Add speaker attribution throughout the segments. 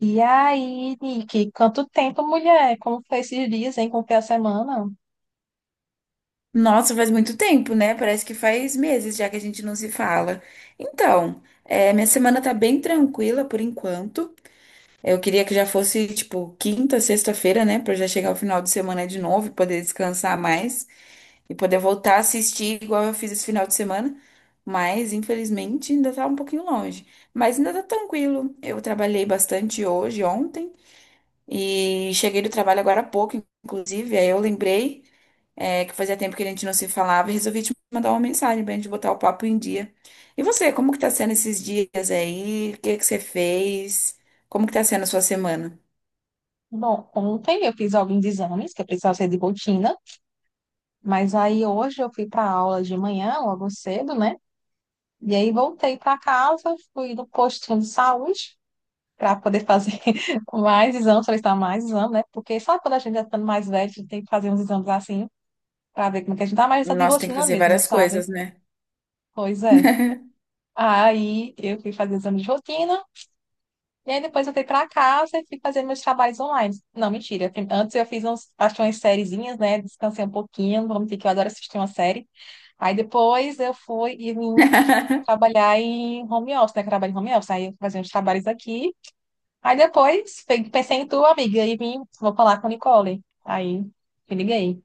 Speaker 1: E aí, Nick, quanto tempo, mulher? Como foi esses dias, hein? Como foi a semana?
Speaker 2: Nossa, faz muito tempo, né? Parece que faz meses já que a gente não se fala. Então, minha semana tá bem tranquila por enquanto. Eu queria que já fosse, tipo, quinta, sexta-feira, né? Pra eu já chegar ao final de semana de novo e poder descansar mais e poder voltar a assistir igual eu fiz esse final de semana. Mas, infelizmente, ainda tá um pouquinho longe. Mas ainda tá tranquilo. Eu trabalhei bastante hoje, ontem, e cheguei do trabalho agora há pouco, inclusive. Aí eu lembrei que fazia tempo que a gente não se falava, e resolvi te mandar uma mensagem pra gente botar o papo em dia. E você, como que tá sendo esses dias aí? O que que você fez? Como que tá sendo a sua semana?
Speaker 1: Bom, ontem eu fiz alguns exames que eu precisava ser de rotina, mas aí hoje eu fui para aula de manhã, logo cedo, né? E aí voltei para casa, fui no postinho de saúde para poder fazer mais exames, solicitar mais exame, né? Porque sabe quando a gente está ficando mais velho, a gente tem que fazer uns exames assim para ver como é que a gente tá, mas tá de
Speaker 2: Nossa, tem que
Speaker 1: rotina
Speaker 2: fazer
Speaker 1: mesmo,
Speaker 2: várias
Speaker 1: sabe?
Speaker 2: coisas, né?
Speaker 1: Pois é. Aí eu fui fazer exame de rotina. E aí depois eu fui pra casa e fui fazer meus trabalhos online. Não, mentira. Antes eu fiz uns, acho que umas sériezinhas, né? Descansei um pouquinho, vamos dizer que eu adoro assistir uma série. Aí depois eu fui e vim trabalhar em home office, né? Que eu trabalho em home office. Aí eu fazia uns trabalhos aqui. Aí depois pensei em tu, amiga, e vim, vou falar com a Nicole. Aí me liguei.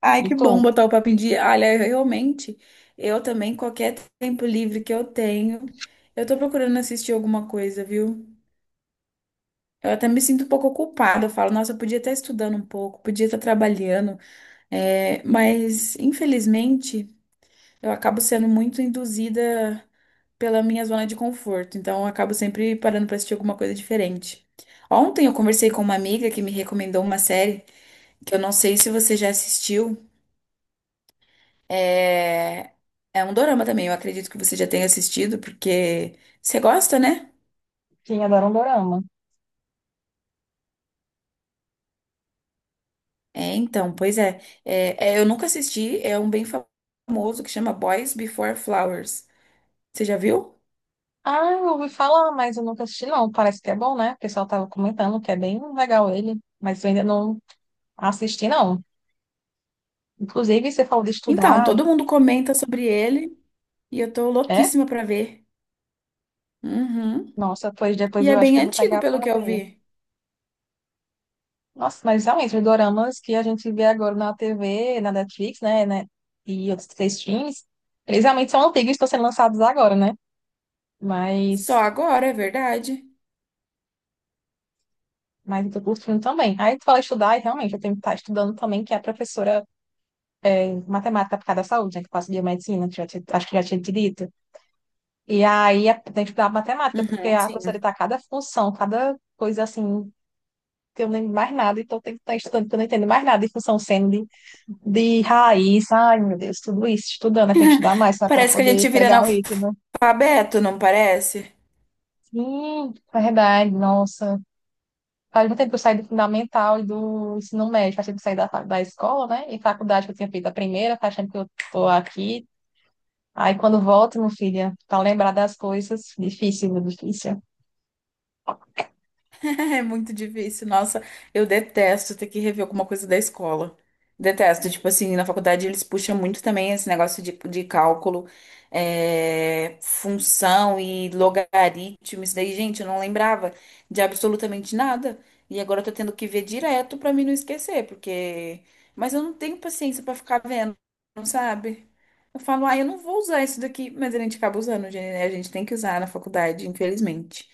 Speaker 2: Ai,
Speaker 1: E
Speaker 2: que
Speaker 1: tu,
Speaker 2: bom botar o papo em dia. Olha, realmente, eu também, qualquer tempo livre que eu tenho, eu tô procurando assistir alguma coisa, viu? Eu até me sinto um pouco culpada. Eu falo, nossa, eu podia estar estudando um pouco, podia estar trabalhando, mas infelizmente. Eu acabo sendo muito induzida pela minha zona de conforto, então eu acabo sempre parando para assistir alguma coisa diferente. Ontem eu conversei com uma amiga que me recomendou uma série que eu não sei se você já assistiu. É, é um dorama também, eu acredito que você já tenha assistido, porque você gosta, né?
Speaker 1: que adora um dorama.
Speaker 2: É, então, pois é. Eu nunca assisti, é um bem famoso que chama Boys Before Flowers. Você já viu?
Speaker 1: Ah, eu ouvi falar, mas eu nunca assisti, não. Parece que é bom, né? O pessoal tava comentando que é bem legal ele, mas eu ainda não assisti, não. Inclusive, você falou de
Speaker 2: Então,
Speaker 1: estudar,
Speaker 2: todo mundo comenta sobre ele e eu tô
Speaker 1: é?
Speaker 2: louquíssima pra ver. Uhum.
Speaker 1: Nossa, pois depois
Speaker 2: E é
Speaker 1: eu acho que
Speaker 2: bem
Speaker 1: eu vou
Speaker 2: antigo,
Speaker 1: pegar
Speaker 2: pelo
Speaker 1: pra
Speaker 2: que eu
Speaker 1: ver.
Speaker 2: vi.
Speaker 1: Nossa, mas realmente, os doramas que a gente vê agora na TV, na Netflix, né, e outros três filmes, eles realmente são antigos e estão sendo lançados agora, né?
Speaker 2: Só
Speaker 1: Mas,
Speaker 2: agora, é verdade.
Speaker 1: mas eu tô curtindo também. Aí tu fala estudar, e realmente, eu tenho que estar estudando também, que é a professora de matemática aplicada à saúde, né, que passa biomedicina, que acho que já tinha te dito. E aí tem que estudar matemática, porque
Speaker 2: Uhum,
Speaker 1: a professora
Speaker 2: sim.
Speaker 1: tá cada função, cada coisa assim que eu não lembro mais nada, então eu tenho que estar estudando, porque eu não entendo mais nada de função seno, de raiz. Ai, meu Deus, tudo isso, estudando, né? Tem que estudar mais, para
Speaker 2: Parece que a
Speaker 1: poder
Speaker 2: gente vira
Speaker 1: pegar o item.
Speaker 2: analfabeto, não parece?
Speaker 1: Sim, é verdade, nossa. Faz muito tempo que eu saí do fundamental e do ensino médio, faz tempo que eu saí da escola, né? E faculdade que eu tinha feito a primeira, faz tempo que eu tô aqui. Aí quando volto, meu filho, para lembrar das coisas, difícil, viu? Difícil.
Speaker 2: É muito difícil. Nossa, eu detesto ter que rever alguma coisa da escola. Detesto. Tipo assim, na faculdade eles puxam muito também esse negócio de cálculo, é, função e logaritmo. Isso daí, gente, eu não lembrava de absolutamente nada. E agora eu tô tendo que ver direto pra mim não esquecer, porque. Mas eu não tenho paciência pra ficar vendo, não sabe? Eu falo, ah, eu não vou usar isso daqui, mas a gente acaba usando, gente, né? A gente tem que usar na faculdade, infelizmente.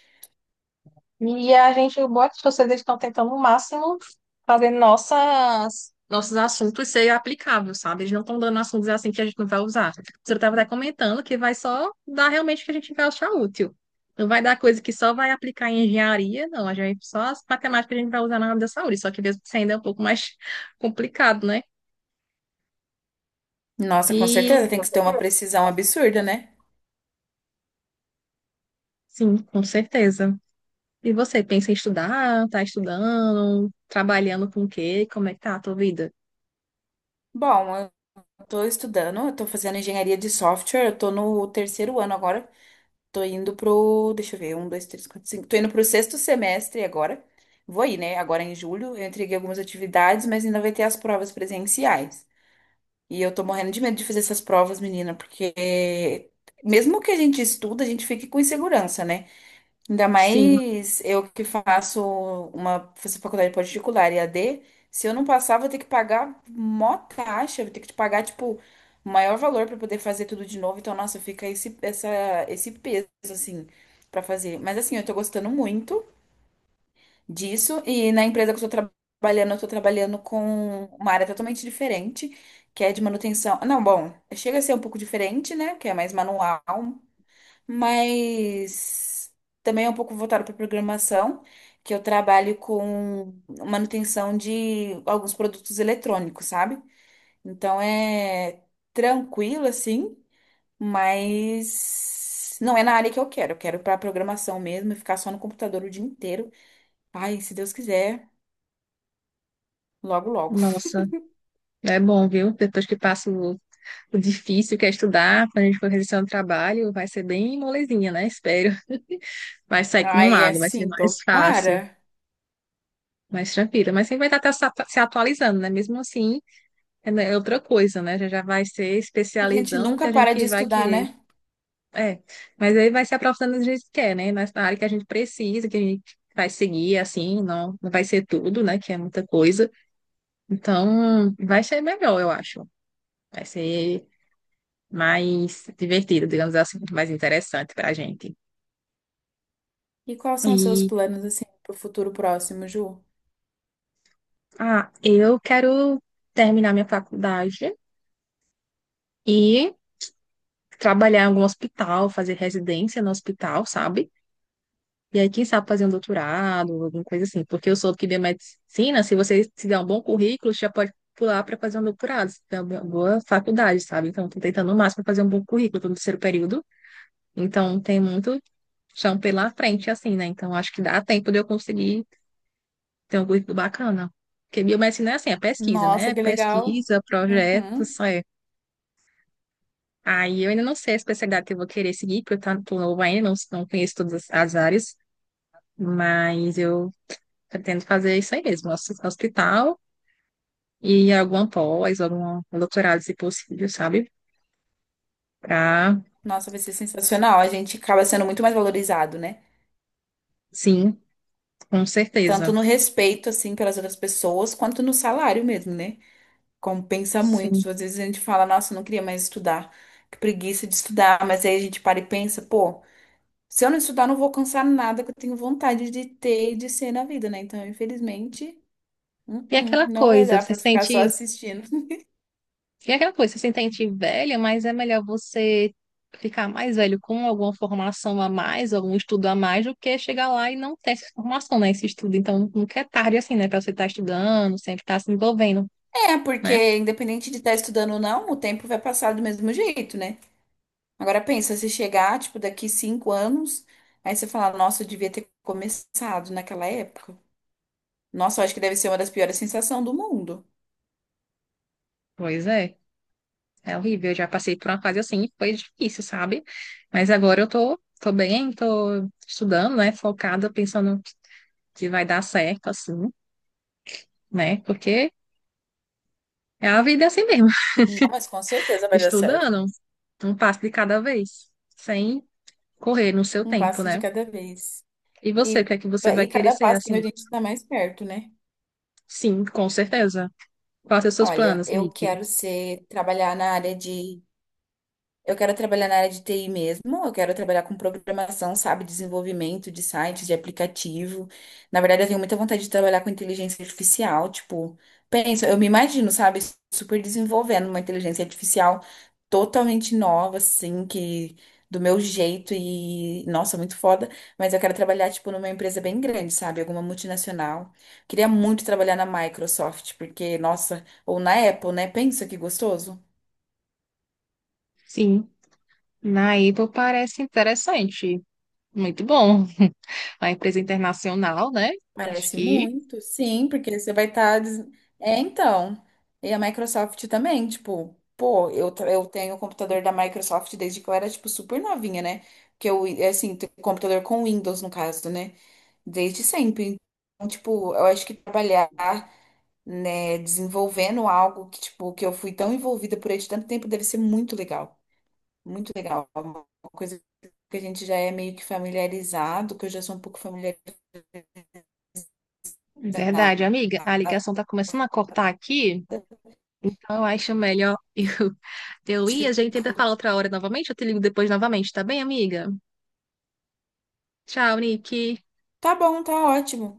Speaker 1: E a gente, boas vocês estão tentando o máximo fazer nossos assuntos ser aplicáveis, sabe? Eles não estão dando assuntos assim que a gente não vai usar. Você estava até comentando que vai só dar realmente o que a gente vai achar útil. Não vai dar coisa que só vai aplicar em engenharia, não. A gente, só as matemáticas que a gente vai usar na área da saúde, só que mesmo assim ainda é um pouco mais complicado, né?
Speaker 2: Nossa, com
Speaker 1: E
Speaker 2: certeza tem que ter uma precisão absurda, né?
Speaker 1: sim, com certeza. E você pensa em estudar? Tá estudando? Trabalhando com o quê? Como é que tá a tua vida?
Speaker 2: Bom, eu tô estudando, eu tô fazendo engenharia de software, eu tô no terceiro ano agora, tô indo pro, deixa eu ver, um, dois, três, quatro, cinco, tô indo pro sexto semestre agora. Vou ir, né? Agora em julho, eu entreguei algumas atividades, mas ainda vai ter as provas presenciais. E eu tô morrendo de medo de fazer essas provas, menina, porque mesmo que a gente estuda, a gente fica com insegurança, né? Ainda
Speaker 1: Sim.
Speaker 2: mais eu que faço uma faço faculdade particular e AD, se eu não passar, vou ter que pagar mó taxa, vou ter que te pagar, tipo, o maior valor para poder fazer tudo de novo. Então, nossa, fica esse peso, assim, para fazer. Mas, assim, eu tô gostando muito disso. E na empresa que eu tô trabalhando com uma área totalmente diferente, que é de manutenção. Não, bom, chega a ser um pouco diferente, né? Que é mais manual, mas também é um pouco voltado para programação, que eu trabalho com manutenção de alguns produtos eletrônicos, sabe? Então é tranquilo assim, mas não é na área que eu quero. Eu quero para programação mesmo, e ficar só no computador o dia inteiro. Ai, se Deus quiser, logo logo.
Speaker 1: Nossa. É bom, viu? Depois que passa o difícil que é estudar, quando a gente for realizar um trabalho, vai ser bem molezinha, né? Espero. Vai sair como
Speaker 2: Ai, é
Speaker 1: água, vai ser
Speaker 2: sim.
Speaker 1: mais fácil,
Speaker 2: Tomara.
Speaker 1: mais tranquila. Mas sempre vai estar se atualizando, né? Mesmo assim, é né, é outra coisa, né? Já já vai ser
Speaker 2: A gente
Speaker 1: especializando que
Speaker 2: nunca
Speaker 1: a gente
Speaker 2: para
Speaker 1: que
Speaker 2: de
Speaker 1: vai
Speaker 2: estudar,
Speaker 1: querer.
Speaker 2: né?
Speaker 1: É, mas aí vai se aprofundando do jeito que quer, né? Mas na área que a gente precisa, que a gente vai seguir, assim, não vai ser tudo, né? Que é muita coisa. Então, vai ser melhor, eu acho. Vai ser mais divertido, digamos assim, muito mais interessante para a gente.
Speaker 2: E quais são os seus
Speaker 1: E
Speaker 2: planos assim pro futuro próximo, Ju?
Speaker 1: ah, eu quero terminar minha faculdade e trabalhar em algum hospital, fazer residência no hospital, sabe? E aí, quem sabe fazer um doutorado, alguma coisa assim, porque eu soube que biomedicina, se você se der um bom currículo, você já pode pular para fazer um doutorado, se der uma boa faculdade, sabe? Então, estou tentando o máximo fazer um bom currículo, estou no terceiro período, então tem muito chão pela frente, assim, né? Então, acho que dá tempo de eu conseguir Tem um currículo bacana. Porque biomedicina é assim, é pesquisa,
Speaker 2: Nossa,
Speaker 1: né?
Speaker 2: que legal.
Speaker 1: Pesquisa,
Speaker 2: Uhum.
Speaker 1: projetos, é. Aí eu ainda não sei a especialidade que eu vou querer seguir, porque tô novo ainda, não conheço todas as áreas, mas eu pretendo fazer isso aí mesmo, hospital e alguma pós, algum doutorado, se possível, sabe? Pra,
Speaker 2: Nossa, vai ser sensacional. A gente acaba sendo muito mais valorizado, né?
Speaker 1: sim, com
Speaker 2: Tanto
Speaker 1: certeza.
Speaker 2: no respeito, assim, pelas outras pessoas, quanto no salário mesmo, né? Compensa muito.
Speaker 1: Sim.
Speaker 2: Às vezes a gente fala, nossa, eu não queria mais estudar, que preguiça de estudar. Mas aí a gente para e pensa, pô, se eu não estudar, eu não vou alcançar nada que eu tenho vontade de ter e de ser na vida, né? Então, infelizmente,
Speaker 1: E aquela
Speaker 2: não vai
Speaker 1: coisa,
Speaker 2: dar
Speaker 1: você
Speaker 2: pra ficar só
Speaker 1: sente
Speaker 2: assistindo.
Speaker 1: E é aquela coisa, você se sente velha, mas é melhor você ficar mais velho com alguma formação a mais, algum estudo a mais, do que chegar lá e não ter essa formação, né? Esse estudo. Então, nunca é tarde assim, né? Pra você estar estudando, sempre estar se envolvendo,
Speaker 2: É,
Speaker 1: né?
Speaker 2: porque independente de estar estudando ou não, o tempo vai passar do mesmo jeito, né? Agora pensa, se chegar, tipo, daqui cinco anos, aí você fala, nossa, eu devia ter começado naquela época. Nossa, eu acho que deve ser uma das piores sensações do mundo.
Speaker 1: Pois é, é horrível. Eu já passei por uma fase assim, e foi difícil, sabe? Mas agora tô bem, tô estudando, né? Focada, pensando que vai dar certo, assim, né? Porque é a vida assim mesmo,
Speaker 2: Não, mas com certeza vai dar certo.
Speaker 1: estudando, um passo de cada vez. Sem correr no seu
Speaker 2: Um
Speaker 1: tempo,
Speaker 2: passo de
Speaker 1: né?
Speaker 2: cada vez.
Speaker 1: E você, o
Speaker 2: E,
Speaker 1: que é que você
Speaker 2: e
Speaker 1: vai querer
Speaker 2: cada
Speaker 1: ser
Speaker 2: passo que
Speaker 1: assim?
Speaker 2: a gente está mais perto, né?
Speaker 1: Sim, com certeza. Quais são os seus
Speaker 2: Olha,
Speaker 1: planos,
Speaker 2: eu
Speaker 1: Nick?
Speaker 2: quero ser, trabalhar na área de eu quero trabalhar na área de TI mesmo, eu quero trabalhar com programação, sabe, desenvolvimento de sites, de aplicativo. Na verdade, eu tenho muita vontade de trabalhar com inteligência artificial, tipo, penso, eu me imagino, sabe, super desenvolvendo uma inteligência artificial totalmente nova, assim, que do meu jeito e, nossa, muito foda, mas eu quero trabalhar, tipo, numa empresa bem grande, sabe, alguma multinacional. Queria muito trabalhar na Microsoft, porque, nossa, ou na Apple, né? Pensa que gostoso.
Speaker 1: Sim, na Apple parece interessante. Muito bom. Uma empresa internacional, né? Acho
Speaker 2: Parece
Speaker 1: que.
Speaker 2: muito, sim, porque você vai estar. É, então. E a Microsoft também, tipo, pô, eu, tra- eu tenho o computador da Microsoft desde que eu era, tipo, super novinha, né? Que eu, é assim, tenho computador com Windows, no caso, né? Desde sempre. Então, tipo, eu acho que trabalhar, né, desenvolvendo algo que, tipo, que eu fui tão envolvida por ele de tanto tempo deve ser muito legal. Muito legal. É uma coisa que a gente já é meio que familiarizado, que eu já sou um pouco familiarizada.
Speaker 1: Verdade, amiga. A ligação tá começando a cortar aqui. Então eu acho melhor
Speaker 2: E,
Speaker 1: eu ir. A gente tenta
Speaker 2: tipo,
Speaker 1: falar outra hora novamente. Eu te ligo depois novamente, tá bem, amiga? Tchau, Nick.
Speaker 2: Tá bom, tá ótimo.